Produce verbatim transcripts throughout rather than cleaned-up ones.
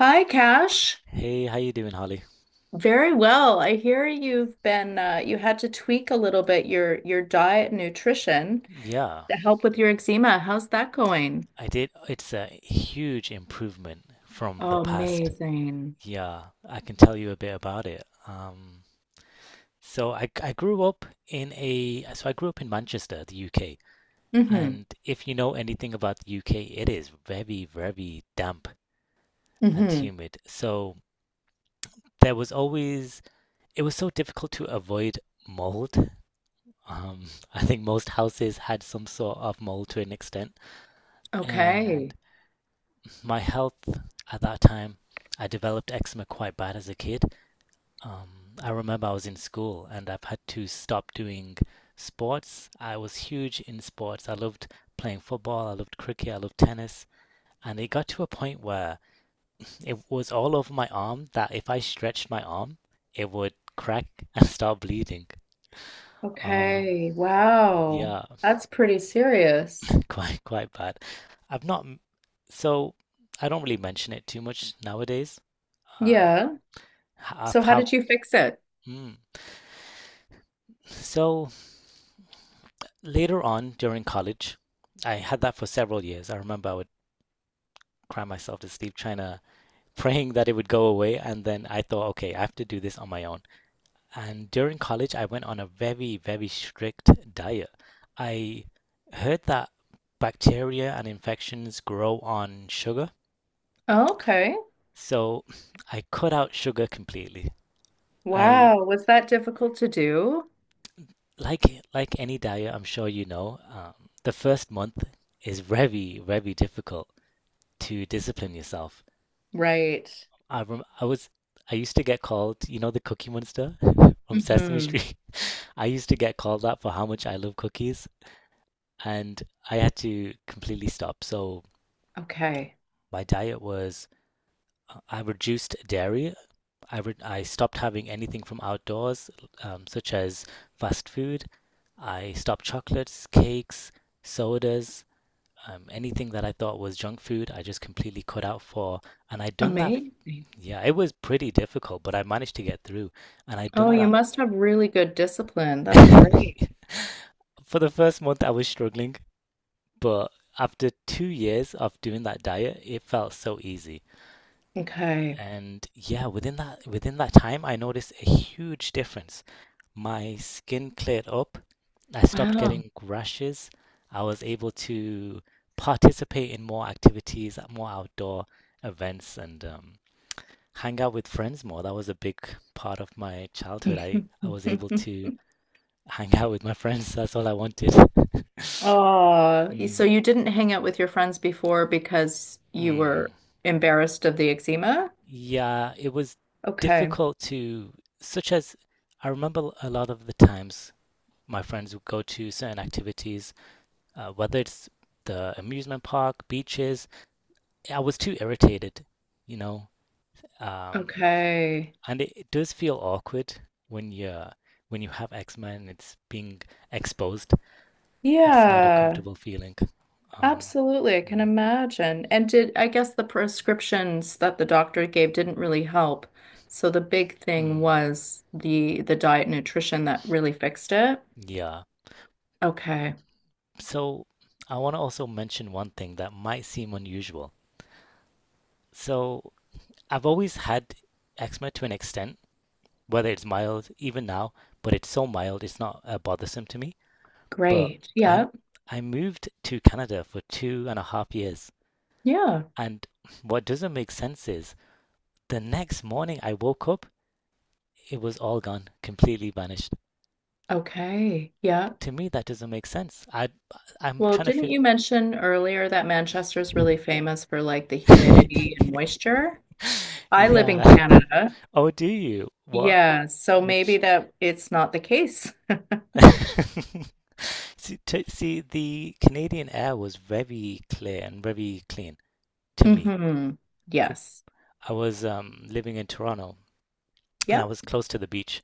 Hi, Cash. Hey, how you doing, Holly? Very well. I hear you've been uh, you had to tweak a little bit your your diet and nutrition Yeah, to help with your eczema. How's that going? I did. It's a huge improvement from the Oh, past. amazing. Yeah, I can tell you a bit about it. Um, so I I grew up in a so I grew up in Manchester, the U K. Mm-hmm. And if you know anything about the U K, it is very, very damp and Mm-hmm. humid. So there was always it was so difficult to avoid mold. Um, I think most houses had some sort of mold to an extent. And Okay. my health at that time, I developed eczema quite bad as a kid. Um, I remember I was in school and I've had to stop doing sports. I was huge in sports. I loved playing football, I loved cricket, I loved tennis. And it got to a point where it was all over my arm that if I stretched my arm, it would crack and start bleeding. Um, Okay. Wow. yeah, That's pretty serious. quite quite bad. I've not, so I don't really mention it too much nowadays. Uh, Yeah. h- I've So how had did you fix it? Mm. So later on during college, I had that for several years. I remember I would cry myself to sleep trying to praying that it would go away, and then I thought, okay, I have to do this on my own. And during college, I went on a very, very strict diet. I heard that bacteria and infections grow on sugar, Oh, okay. so I cut out sugar completely. I Wow. Was that difficult to do? like like any diet, I'm sure you know, um, the first month is very, very difficult, to discipline yourself. Right. I rem- I was I used to get called, you know, the Cookie Monster from Sesame Mm-hmm. Street. I used to get called that for how much I love cookies, and I had to completely stop. So Okay. my diet was uh, I reduced dairy. I re- I stopped having anything from outdoors, um, such as fast food. I stopped chocolates, cakes, sodas. Um, anything that I thought was junk food, I just completely cut out for. And I'd done that. Amazing. Yeah, it was pretty difficult, but I managed to get through. And I'd Oh, done you that. must have really good discipline. That's great. For the first month, I was struggling, but after two years of doing that diet, it felt so easy. Okay. And yeah, within that within that time, I noticed a huge difference. My skin cleared up. I stopped Wow. getting rashes. I was able to participate in more activities, more outdoor events, and um, hang out with friends more. That was a big part of my childhood. I, I was able to hang out with my friends. That's all I wanted. Oh, Mm, so you didn't hang out with your friends before because you mm. were embarrassed of the eczema? Yeah, it was Okay. difficult to, such as I remember a lot of the times my friends would go to certain activities, uh, whether it's the amusement park, beaches. I was too irritated, you know. Um, Okay. and it, it does feel awkward when you're when you have eczema and it's being exposed. It's not a Yeah, comfortable feeling. Um, absolutely. I can mm, imagine. And did I guess the prescriptions that the doctor gave didn't really help. So the big thing mm, was the the diet and nutrition that really fixed it. yeah. Okay. So I want to also mention one thing that might seem unusual. So I've always had eczema to an extent, whether it's mild, even now, but it's so mild, it's not uh, bothersome to me. But Great. I Yeah. I moved to Canada for two and a half years, Yeah. and what doesn't make sense is the next morning I woke up, it was all gone, completely vanished. Okay. Yeah. To me, that doesn't make sense. I I'm Well, trying to didn't figure. you mention earlier that Manchester's really famous for like the humidity and moisture? I live in Yeah. Canada. Oh, do you? What? Yeah, so Which? maybe that it's not the case. See, to, see, the Canadian air was very clear and very clean to me. Hmm. Yes. I was um, living in Toronto and I Yep. was close to the beach,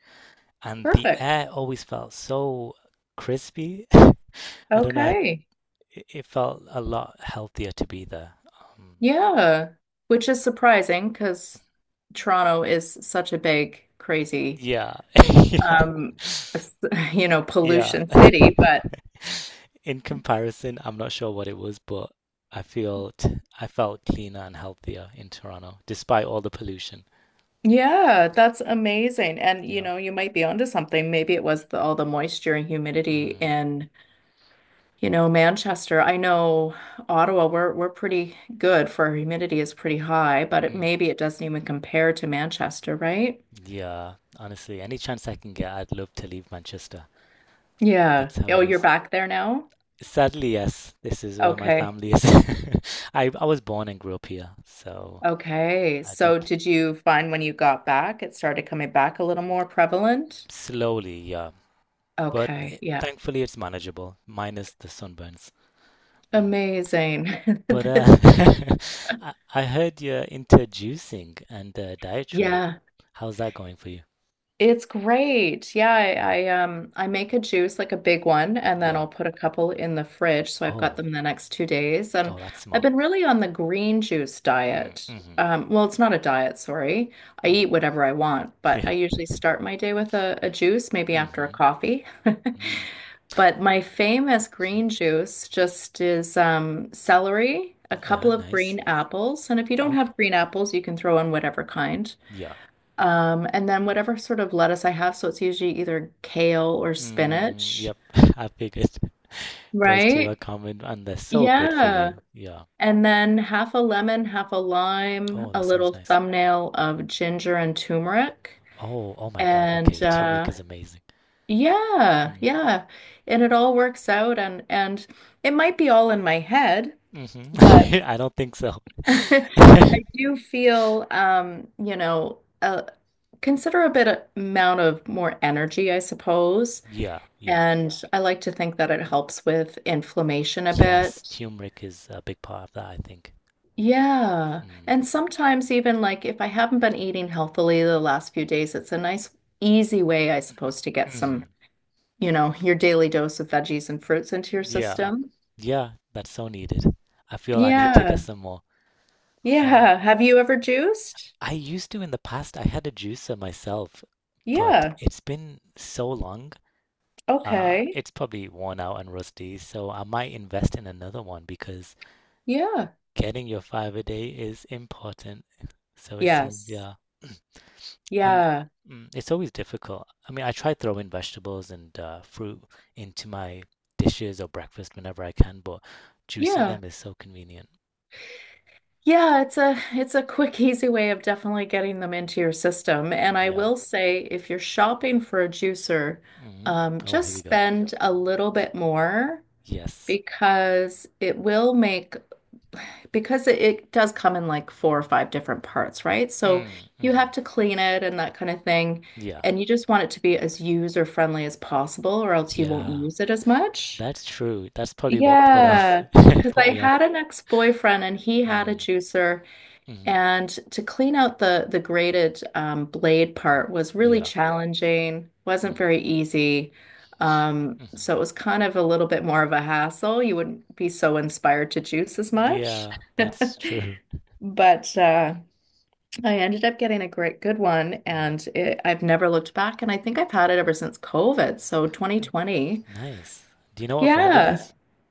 and the Perfect. air always felt so crispy. I don't know, how- Okay. it it felt a lot healthier to be there. Um, Yeah. Which is surprising because Toronto is such a big, crazy, yeah, yeah. um, s- you know, Yeah. pollution city, but In comparison, I'm not sure what it was, but I felt I felt cleaner and healthier in Toronto, despite all the pollution. yeah, that's amazing. And you Yeah. know, you might be onto something. Maybe it was the, all the moisture and humidity Mm, in, you know, Manchester. I know Ottawa, we're we're pretty good for our humidity is pretty high, but it, mm. maybe it doesn't even compare to Manchester, right? Yeah. Honestly, any chance I can get, I'd love to leave Manchester. Yeah. That's how Oh, it you're is. back there now? Sadly, yes, this is where my Okay. family is. I I was born and grew up here, so Okay. I do So did you find when you got back, it started coming back a little more prevalent? slowly, yeah. But Okay. it, Yeah. thankfully, it's manageable, minus the sunburns. Mm. Amazing. But uh, I, I heard you're into juicing and uh, dietary. Yeah. How's that going for you? It's great. Yeah, Mm. I, I um I make a juice like a big one and then Yeah. I'll put a couple in the fridge so I've got Oh. them the next two days. And Oh, that's I've smart. been really on the green juice Mm, diet. mm-hmm. Um, well, it's not a diet, sorry. I eat Mm. whatever I want, but I Yeah. usually start my day with a, a juice, maybe after a Mm-hmm. coffee. Mm. But my famous green juice just is um celery, a Yeah, couple of nice. green apples, and if you don't Okay. have green apples, you can throw in whatever kind. Yeah. Um, and then whatever sort of lettuce I have, so it's usually either kale or Mm, spinach, yep. I figured those two are right? common and they're so good for Yeah. you. Yeah. And then half a lemon, half a lime, Oh, that a sounds little nice. thumbnail of ginger and turmeric. Oh, oh my God. Okay. And Turmeric uh is amazing. yeah, Mm. yeah. And it all works out. And and it might be all in my head, Hmm. but I don't think so. I do feel um, you know, a considerable amount of more energy, I suppose. Yeah, yeah. And I like to think that it helps with inflammation a Yes, bit. turmeric is a big part of that, I think. Yeah. Mm. And sometimes even like if I haven't been eating healthily the last few days, it's a nice easy way, I suppose, to get some, Hmm. you know, your daily dose of veggies and fruits into your Yeah. system. Yeah, that's so needed. I feel I need to get Yeah. some more. Huh. Yeah. Have you ever juiced? I used to in the past, I had a juicer myself, but Yeah. it's been so long. Uh, Okay. it's probably worn out and rusty, so I might invest in another one because Yeah. getting your five a day is important. So it seems, Yes. yeah. And Yeah. mm, it's always difficult. I mean, I try throwing vegetables and uh, fruit into my dishes or breakfast whenever I can, but juicing Yeah. them is so convenient. Yeah, it's a it's a quick, easy way of definitely getting them into your system. And I Yeah. will say, if you're shopping for a juicer, Hmm. um, Oh, here just we go. spend a little bit more Yes. because it will make because it, it does come in like four or five different parts, right? So Mm. you have Hmm. to clean it and that kind of thing. Yeah. And you just want it to be as user friendly as possible, or else you won't Yeah. use it as much. That's true. That's probably what put off Yeah. Because put I me off. had an ex-boyfriend and he had a Mm. juicer. Hmm. And to clean out the the graded um, blade part was really Yeah. challenging, wasn't Mm. very easy. Um, hmm. so it was kind of a little bit more of a hassle. You wouldn't be so inspired to juice as much. Yeah, that's true. But uh, I ended up getting a great good one, and it, I've never looked back. And I think I've had it ever since COVID, so Mm. twenty twenty. Nice. Do you know what brand it Yeah, is?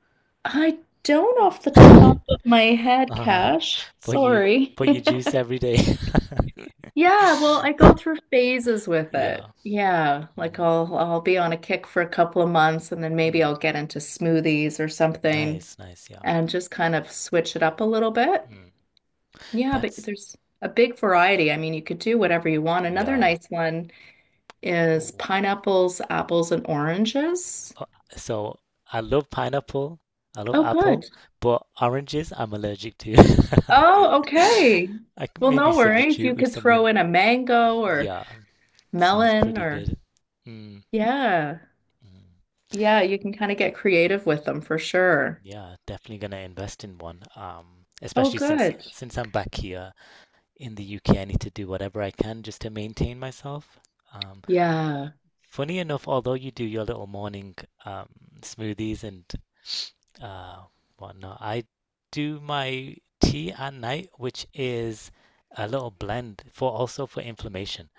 I don't off the top of my head, Uh, Cash. but you Sorry. but you juice every day. Yeah, well, I go through phases with it. Yeah. Yeah, like Mm, I'll I'll be on a kick for a couple of months and then maybe mm. I'll get into smoothies or something Nice, nice, yeah. and just kind of switch it up a little bit. Mm. Yeah, but That's there's a big variety. I mean, you could do whatever you want. Another yeah. nice one is Ooh. pineapples, apples, and oranges. So I love pineapple. I love Oh, apple, good. but oranges I'm allergic to. Oh, okay. I could Well, maybe no worries. substitute You with could something. throw in a mango or Yeah, sounds melon pretty or good. Mm. yeah. Mm. Yeah, you can kind of get creative with them for sure. Yeah, definitely gonna invest in one. Um, Oh, especially since good. since I'm back here in the U K, I need to do whatever I can just to maintain myself. Um, Yeah. funny enough, although you do your little morning um, smoothies and uh, whatnot, I do my tea at night, which is a little blend for also for inflammation.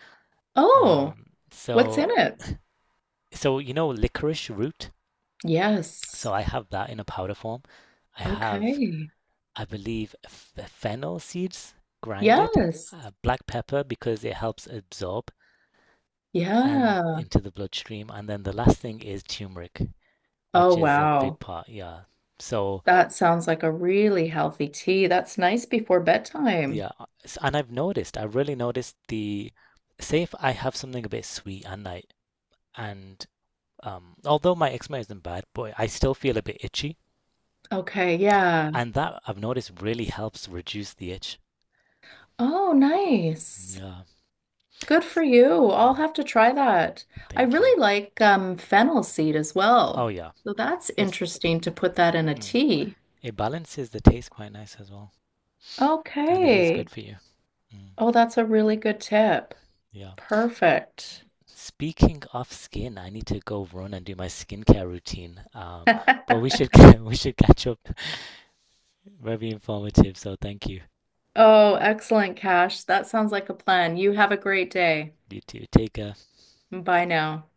Oh, Um, what's in so it? so you know licorice root. Yes. So I have that in a powder form. I have Okay. I believe f- fennel seeds grinded, Yes. uh, black pepper because it helps absorb and Yeah. into the bloodstream, and then the last thing is turmeric, Oh, which is a big wow. part. Yeah. So That sounds like a really healthy tea. That's nice before bedtime. yeah, uh, s- and I've noticed, I really noticed the say if I have something a bit sweet at night, and um, although my eczema isn't bad, boy, I still feel a bit itchy, Okay, yeah. and that I've noticed really helps reduce the itch. Oh, nice. Yeah. Good for you. Mm, I'll have to try that. I thank you. really like um, fennel seed as Oh well. yeah, So that's it's. interesting to put that in a Mm. tea. It balances the taste quite nice as well, and it is good Okay. for you. Mm, Oh, that's a really good tip. yeah. Perfect. Speaking of skin, I need to go run and do my skincare routine. Um, but we should we should catch up. Very informative, so thank you. Oh, excellent, Cash. That sounds like a plan. You have a great day. You too. Take care. Bye now.